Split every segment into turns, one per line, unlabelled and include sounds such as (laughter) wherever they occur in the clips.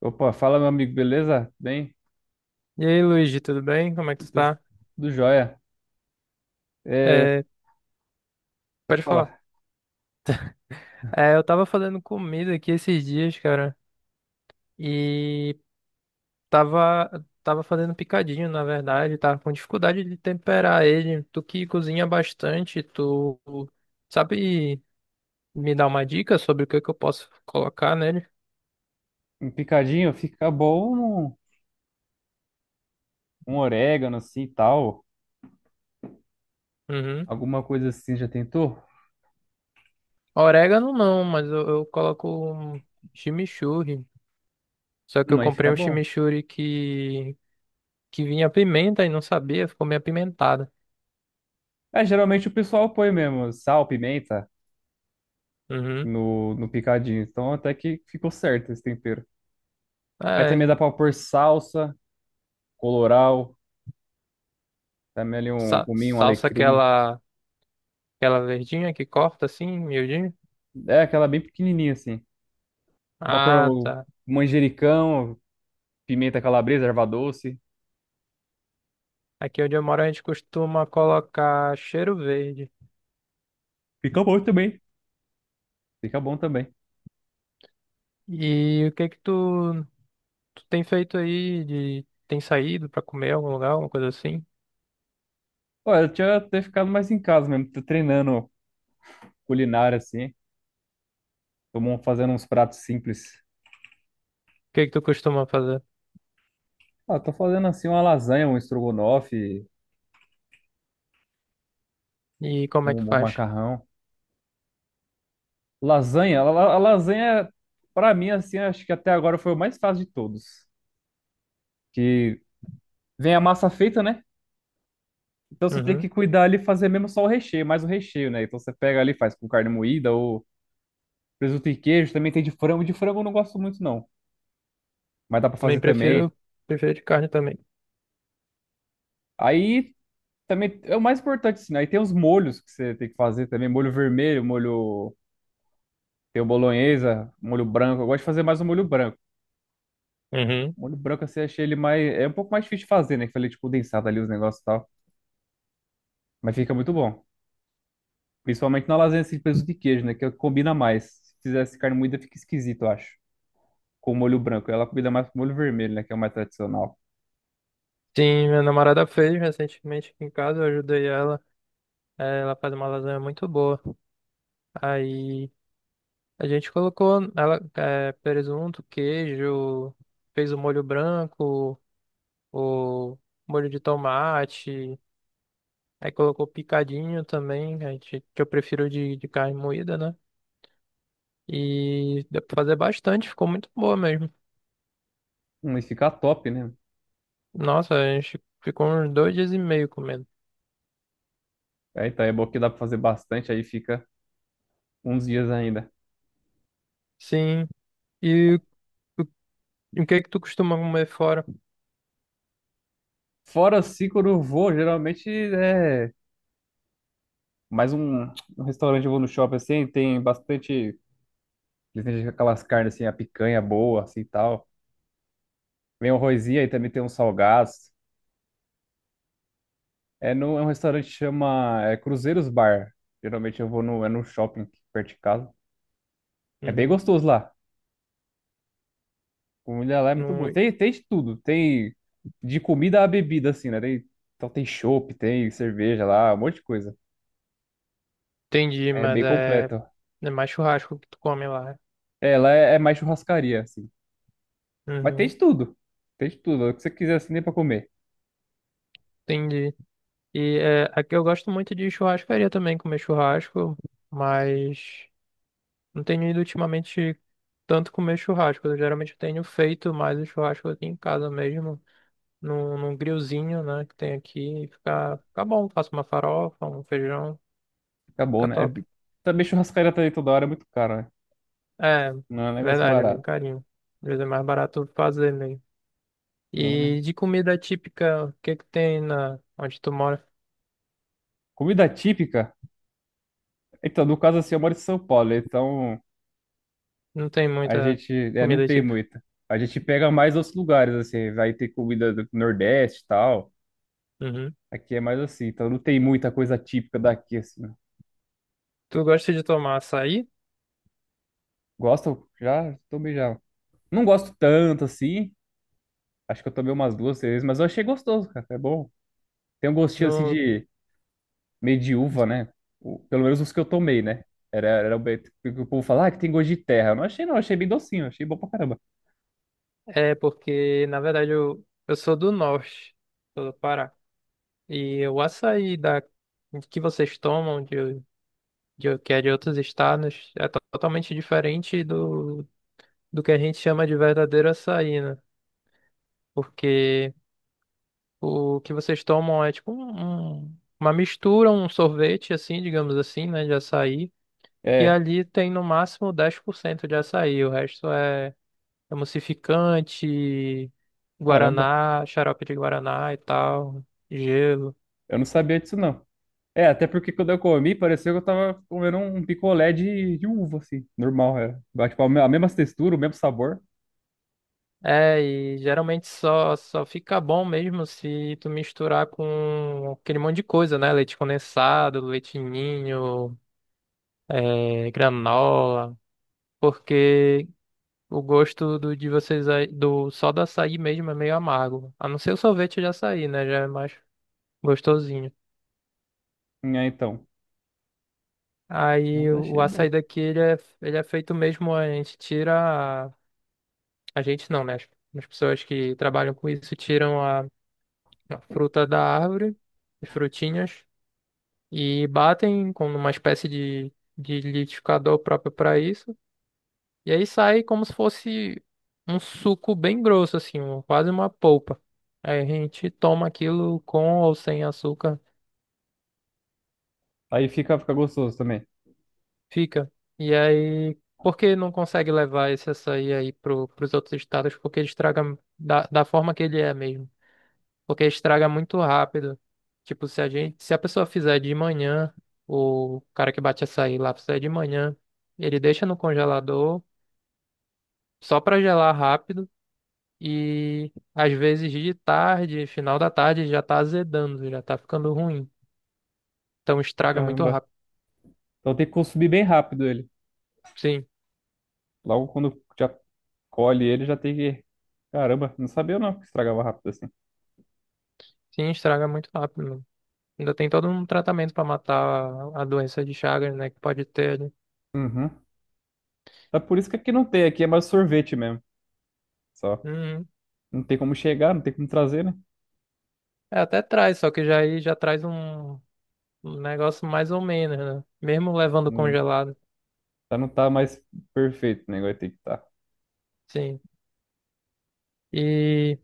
Opa, fala meu amigo, beleza? Bem?
E aí, Luigi, tudo bem? Como é que tu
Tudo,
tá?
tudo jóia. É,
É,
pode
pode falar.
falar.
É, eu tava fazendo comida aqui esses dias, cara, e tava fazendo picadinho, na verdade, tava com dificuldade de temperar ele. Tu que cozinha bastante, tu sabe me dar uma dica sobre o que que eu posso colocar nele?
Um picadinho fica bom, um orégano assim e tal.
Uhum.
Alguma coisa assim, já tentou?
Orégano não, mas eu coloco um chimichurri. Só que eu
Aí fica
comprei um
bom.
chimichurri que vinha pimenta e não sabia, ficou meio apimentado.
É, geralmente o pessoal põe mesmo sal, pimenta
Uhum.
no picadinho. Então até que ficou certo esse tempero. Aí também
É,
dá pra pôr salsa, colorau, também ali um cominho, um
Salsa
alecrim.
aquela, aquela verdinha que corta assim, miudinho?
É aquela bem pequenininha assim. Dá pra pôr
Ah,
o
tá.
manjericão, pimenta calabresa, erva doce.
Aqui onde eu moro a gente costuma colocar cheiro verde.
Fica bom também. Fica bom também.
E o que que tu tem feito aí de tem saído pra comer em algum lugar, alguma coisa assim? O
Olha, eu tinha até ficado mais em casa mesmo, tô treinando culinária assim, fazendo uns pratos simples.
que que tu costuma fazer?
Ah, tô fazendo assim uma lasanha, um estrogonofe,
E como é que
um
faz?
macarrão. A lasanha, pra mim, assim, acho que até agora foi o mais fácil de todos. Que vem a massa feita, né? Então você tem
Uhum.
que cuidar ali e fazer mesmo só o recheio, mais o recheio, né? Então você pega ali, faz com carne moída ou presunto e queijo, também tem de frango. De frango eu não gosto muito, não, mas dá pra
Bem,
fazer também.
prefiro de carne também.
Aí também é o mais importante, assim, né? Aí tem os molhos que você tem que fazer também. Molho vermelho, molho. Tem o bolonhesa, molho branco. Eu gosto de fazer mais o molho branco.
Uhum.
O molho branco, assim, eu achei ele mais. É um pouco mais difícil de fazer, né? Que falei, tipo, condensado ali os negócios e tal. Mas fica muito bom. Principalmente na lasanha, assim, de presunto de queijo, né? Que combina mais. Se fizesse carne moída, fica esquisito, eu acho. Com o molho branco. Ela combina mais com o molho vermelho, né? Que é o mais tradicional.
Sim, minha namorada fez recentemente aqui em casa, eu ajudei ela. Ela faz uma lasanha muito boa. Aí a gente colocou ela, presunto, queijo, fez o molho branco, o molho de tomate, aí colocou picadinho também, a gente, que eu prefiro de carne moída, né? E deu pra fazer bastante, ficou muito boa mesmo.
E fica top, né?
Nossa, a gente ficou uns 2 dias e meio comendo.
Aí tá, é bom que dá pra fazer bastante, aí fica uns dias ainda.
Sim, e o que é que tu costuma comer fora?
Fora assim, quando eu vou, geralmente é. Mas um restaurante eu vou no shopping assim, tem bastante. Eles têm aquelas carnes assim, a picanha boa, assim e tal. Vem o arrozinho e também tem uns salgados. É, no, É um restaurante que chama é, Cruzeiros Bar. Geralmente eu vou no, é no shopping perto de casa. É bem
Uhum.
gostoso lá. A comida lá é muito
Não
boa. Tem de tudo. Tem de comida a bebida, assim, né? Tem, então tem chopp, tem cerveja lá, um monte de coisa.
entendi,
É
mas
bem
é,
completo.
é mais churrasco que tu come lá.
É mais churrascaria, assim. Mas tem
Uhum.
de tudo. Tem de tudo. O que você quiser, assim, nem pra comer.
Entendi. E aqui eu gosto muito de churrascaria também, comer churrasco, mas não tenho ido ultimamente tanto comer churrasco. Eu geralmente tenho feito mais o churrasco aqui em casa mesmo, num grillzinho, né, que tem aqui. Fica bom, faço uma farofa, um feijão,
Acabou,
fica
né? É
top.
de- Também churrascaria tá aí toda hora é muito caro, né?
É,
Não é um negócio
verdade, é bem
barato,
carinho. Às vezes é mais barato fazer mesmo.
não, né?
E de comida típica, o que que tem na onde tu mora?
Comida típica? Então, no caso assim, eu moro em São Paulo, então
Não tem
a
muita
gente é, não
comida
tem
típica.
muita. A gente pega mais outros lugares, assim, vai ter comida do Nordeste e tal.
Uhum.
Aqui é mais assim, então não tem muita coisa típica daqui, assim, né?
Tu gosta de tomar açaí?
Gosto? Já? Tomei já. Não gosto tanto, assim. Acho que eu tomei umas duas, três, mas eu achei gostoso, cara. É bom. Tem um gostinho, assim,
No-
de meio de uva, né? O- pelo menos os que eu tomei, né? Que o povo fala, ah, que tem gosto de terra. Eu não achei, não. Achei bem docinho. Achei bom pra caramba.
É porque, na verdade, eu sou do norte, sou do Pará. E o açaí que vocês tomam, que é de outros estados, é totalmente diferente do que a gente chama de verdadeiro açaí, né? Porque o que vocês tomam é tipo uma mistura, um sorvete, assim, digamos assim, né, de açaí, que
É,
ali tem no máximo 10% de açaí, o resto é emulsificante,
caramba.
guaraná, xarope de guaraná e tal, gelo.
Eu não sabia disso, não. É, até porque quando eu comi, pareceu que eu tava comendo um picolé de uva, assim. Normal, era. Mas, tipo, a mesma textura, o mesmo sabor.
É, e geralmente só fica bom mesmo se tu misturar com aquele monte de coisa, né? Leite condensado, leite ninho, granola, porque o gosto de vocês aí, do só do açaí mesmo é meio amargo. A não ser o sorvete de açaí, né? Já é mais gostosinho.
É, então. Mas
Aí o
achei bom.
açaí daqui ele é, feito mesmo, a gente não, né? As pessoas que trabalham com isso tiram a fruta da árvore, as frutinhas, e batem com uma espécie de liquidificador próprio para isso. E aí sai como se fosse um suco bem grosso, assim, quase uma polpa. Aí a gente toma aquilo com ou sem açúcar,
Aí fica, fica gostoso também.
fica. E aí, por que não consegue levar esse açaí aí pros outros estados? Porque ele estraga da forma que ele é mesmo. Porque estraga muito rápido. Tipo, se a pessoa fizer de manhã, o cara que bate açaí lá fizer de manhã, ele deixa no congelador só pra gelar rápido e às vezes de tarde, final da tarde já tá azedando, já tá ficando ruim. Então estraga muito
Caramba.
rápido.
Então tem que consumir bem rápido ele.
Sim,
Logo quando já colhe ele, já tem que... Caramba, não sabia não que estragava rápido assim.
sim, estraga muito rápido, mano. Ainda tem todo um tratamento pra matar a doença de Chagas, né, que pode ter, né?
Uhum. É por isso que aqui não tem, aqui é mais sorvete mesmo, só.
Uhum.
Não tem como chegar, não tem como trazer, né?
É, até traz, só que já aí já traz um negócio mais ou menos, né? Mesmo levando
Não,
congelado.
tá, não tá mais perfeito o negócio, tem que tá.
Sim. E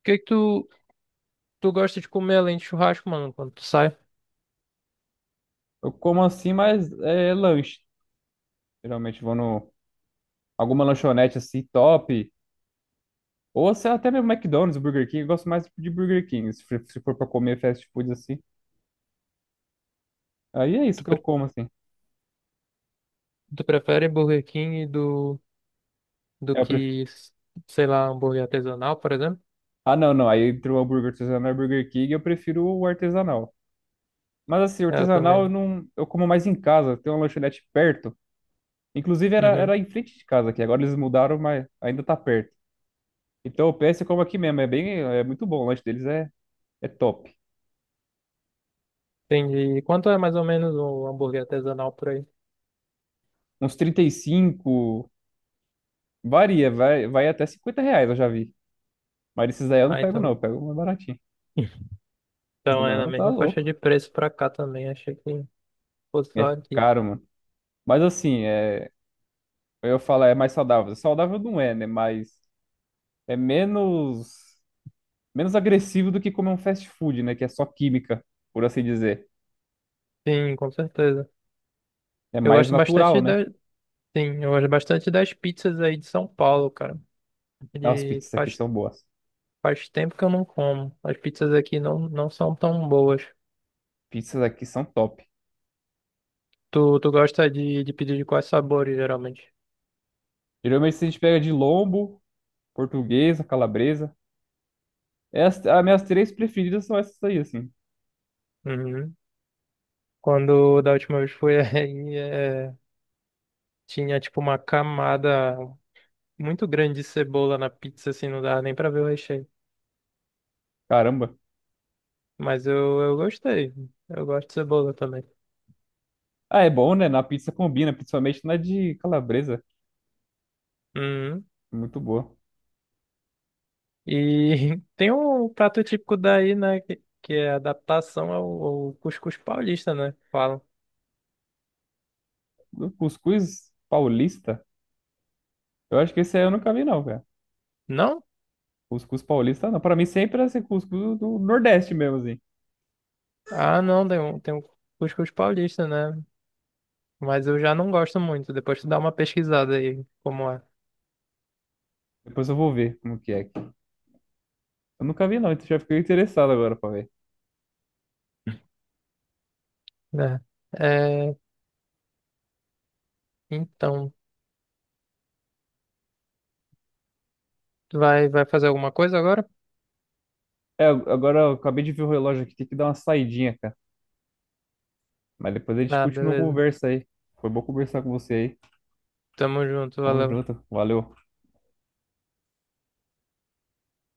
o que é que tu gosta de comer além de churrasco, mano, quando tu sai?
Eu como assim, mas é lanche. Geralmente vou no... Alguma lanchonete assim, top. Ou se- até mesmo McDonald's, Burger King. Eu gosto mais de Burger King, se for pra comer fast food assim. Aí é isso
Tu,
que eu
pre-
como, assim.
Tu prefere Burger King do
É, eu pref-
que, sei lá, hambúrguer artesanal, por exemplo?
Ah, não. Aí entre o hambúrguer artesanal e o Burger King, eu prefiro o artesanal. Mas assim, o
É, eu
artesanal eu
também.
não... Eu como mais em casa. Tem uma lanchonete perto. Inclusive
Uhum.
era em frente de casa aqui. Agora eles mudaram, mas ainda tá perto. Então o PS como aqui mesmo. É bem, é muito bom. O lanche deles é, é top.
Entendi. E quanto é mais ou menos um hambúrguer artesanal por aí?
Uns 35 varia, vai até 50 reais, eu já vi. Mas esses aí eu não
Ah,
pego, não.
então,
Eu pego mais baratinho.
então é na
Senão tá
mesma faixa
louco.
de preço pra cá também. Achei que fosse
É
só aqui.
caro, mano. Mas assim, é, eu falo, é mais saudável. Saudável não é, né? Mas é menos, menos agressivo do que comer um fast food, né? Que é só química, por assim dizer.
Sim, com certeza.
É
Eu
mais
gosto
natural,
bastante
né?
sim, eu gosto bastante das pizzas aí de São Paulo, cara.
Ah, as
E
pizzas aqui
faz,
são boas.
faz tempo que eu não como. As pizzas aqui não são tão boas.
Pizzas aqui são top.
Tu gosta de pedir de quais sabores, geralmente?
Geralmente a gente pega de lombo, portuguesa, calabresa. É as minhas três preferidas são essas aí, assim.
Uhum. Quando da última vez foi (laughs) aí, tinha tipo uma camada muito grande de cebola na pizza, assim, não dava nem pra ver o recheio.
Caramba.
Mas eu gostei. Eu gosto de cebola também.
Ah, é bom, né? Na pizza combina, principalmente na de calabresa.
Uhum.
Muito boa.
E (laughs) tem um prato típico daí, né? Que é adaptação ao cuscuz paulista, né? Falam.
O cuscuz paulista, eu acho que esse aí eu nunca vi, não, cara.
Não?
Cuscuz paulista, não. Pra mim sempre era esse cuscuz do Nordeste mesmo, assim.
Ah, não, tem, tem o cuscuz paulista, né? Mas eu já não gosto muito. Depois tu dá uma pesquisada aí como é,
Depois eu vou ver como que é aqui. Eu nunca vi, não, então já fiquei interessado agora pra ver.
né? É, então, tu vai fazer alguma coisa agora?
É, agora eu acabei de ver o relógio aqui, tem que dar uma saidinha, cara. Mas depois a gente
Ah,
continua a
beleza.
conversa aí. Foi bom conversar com você aí.
Tamo junto,
Tamo
valeu.
junto. Valeu.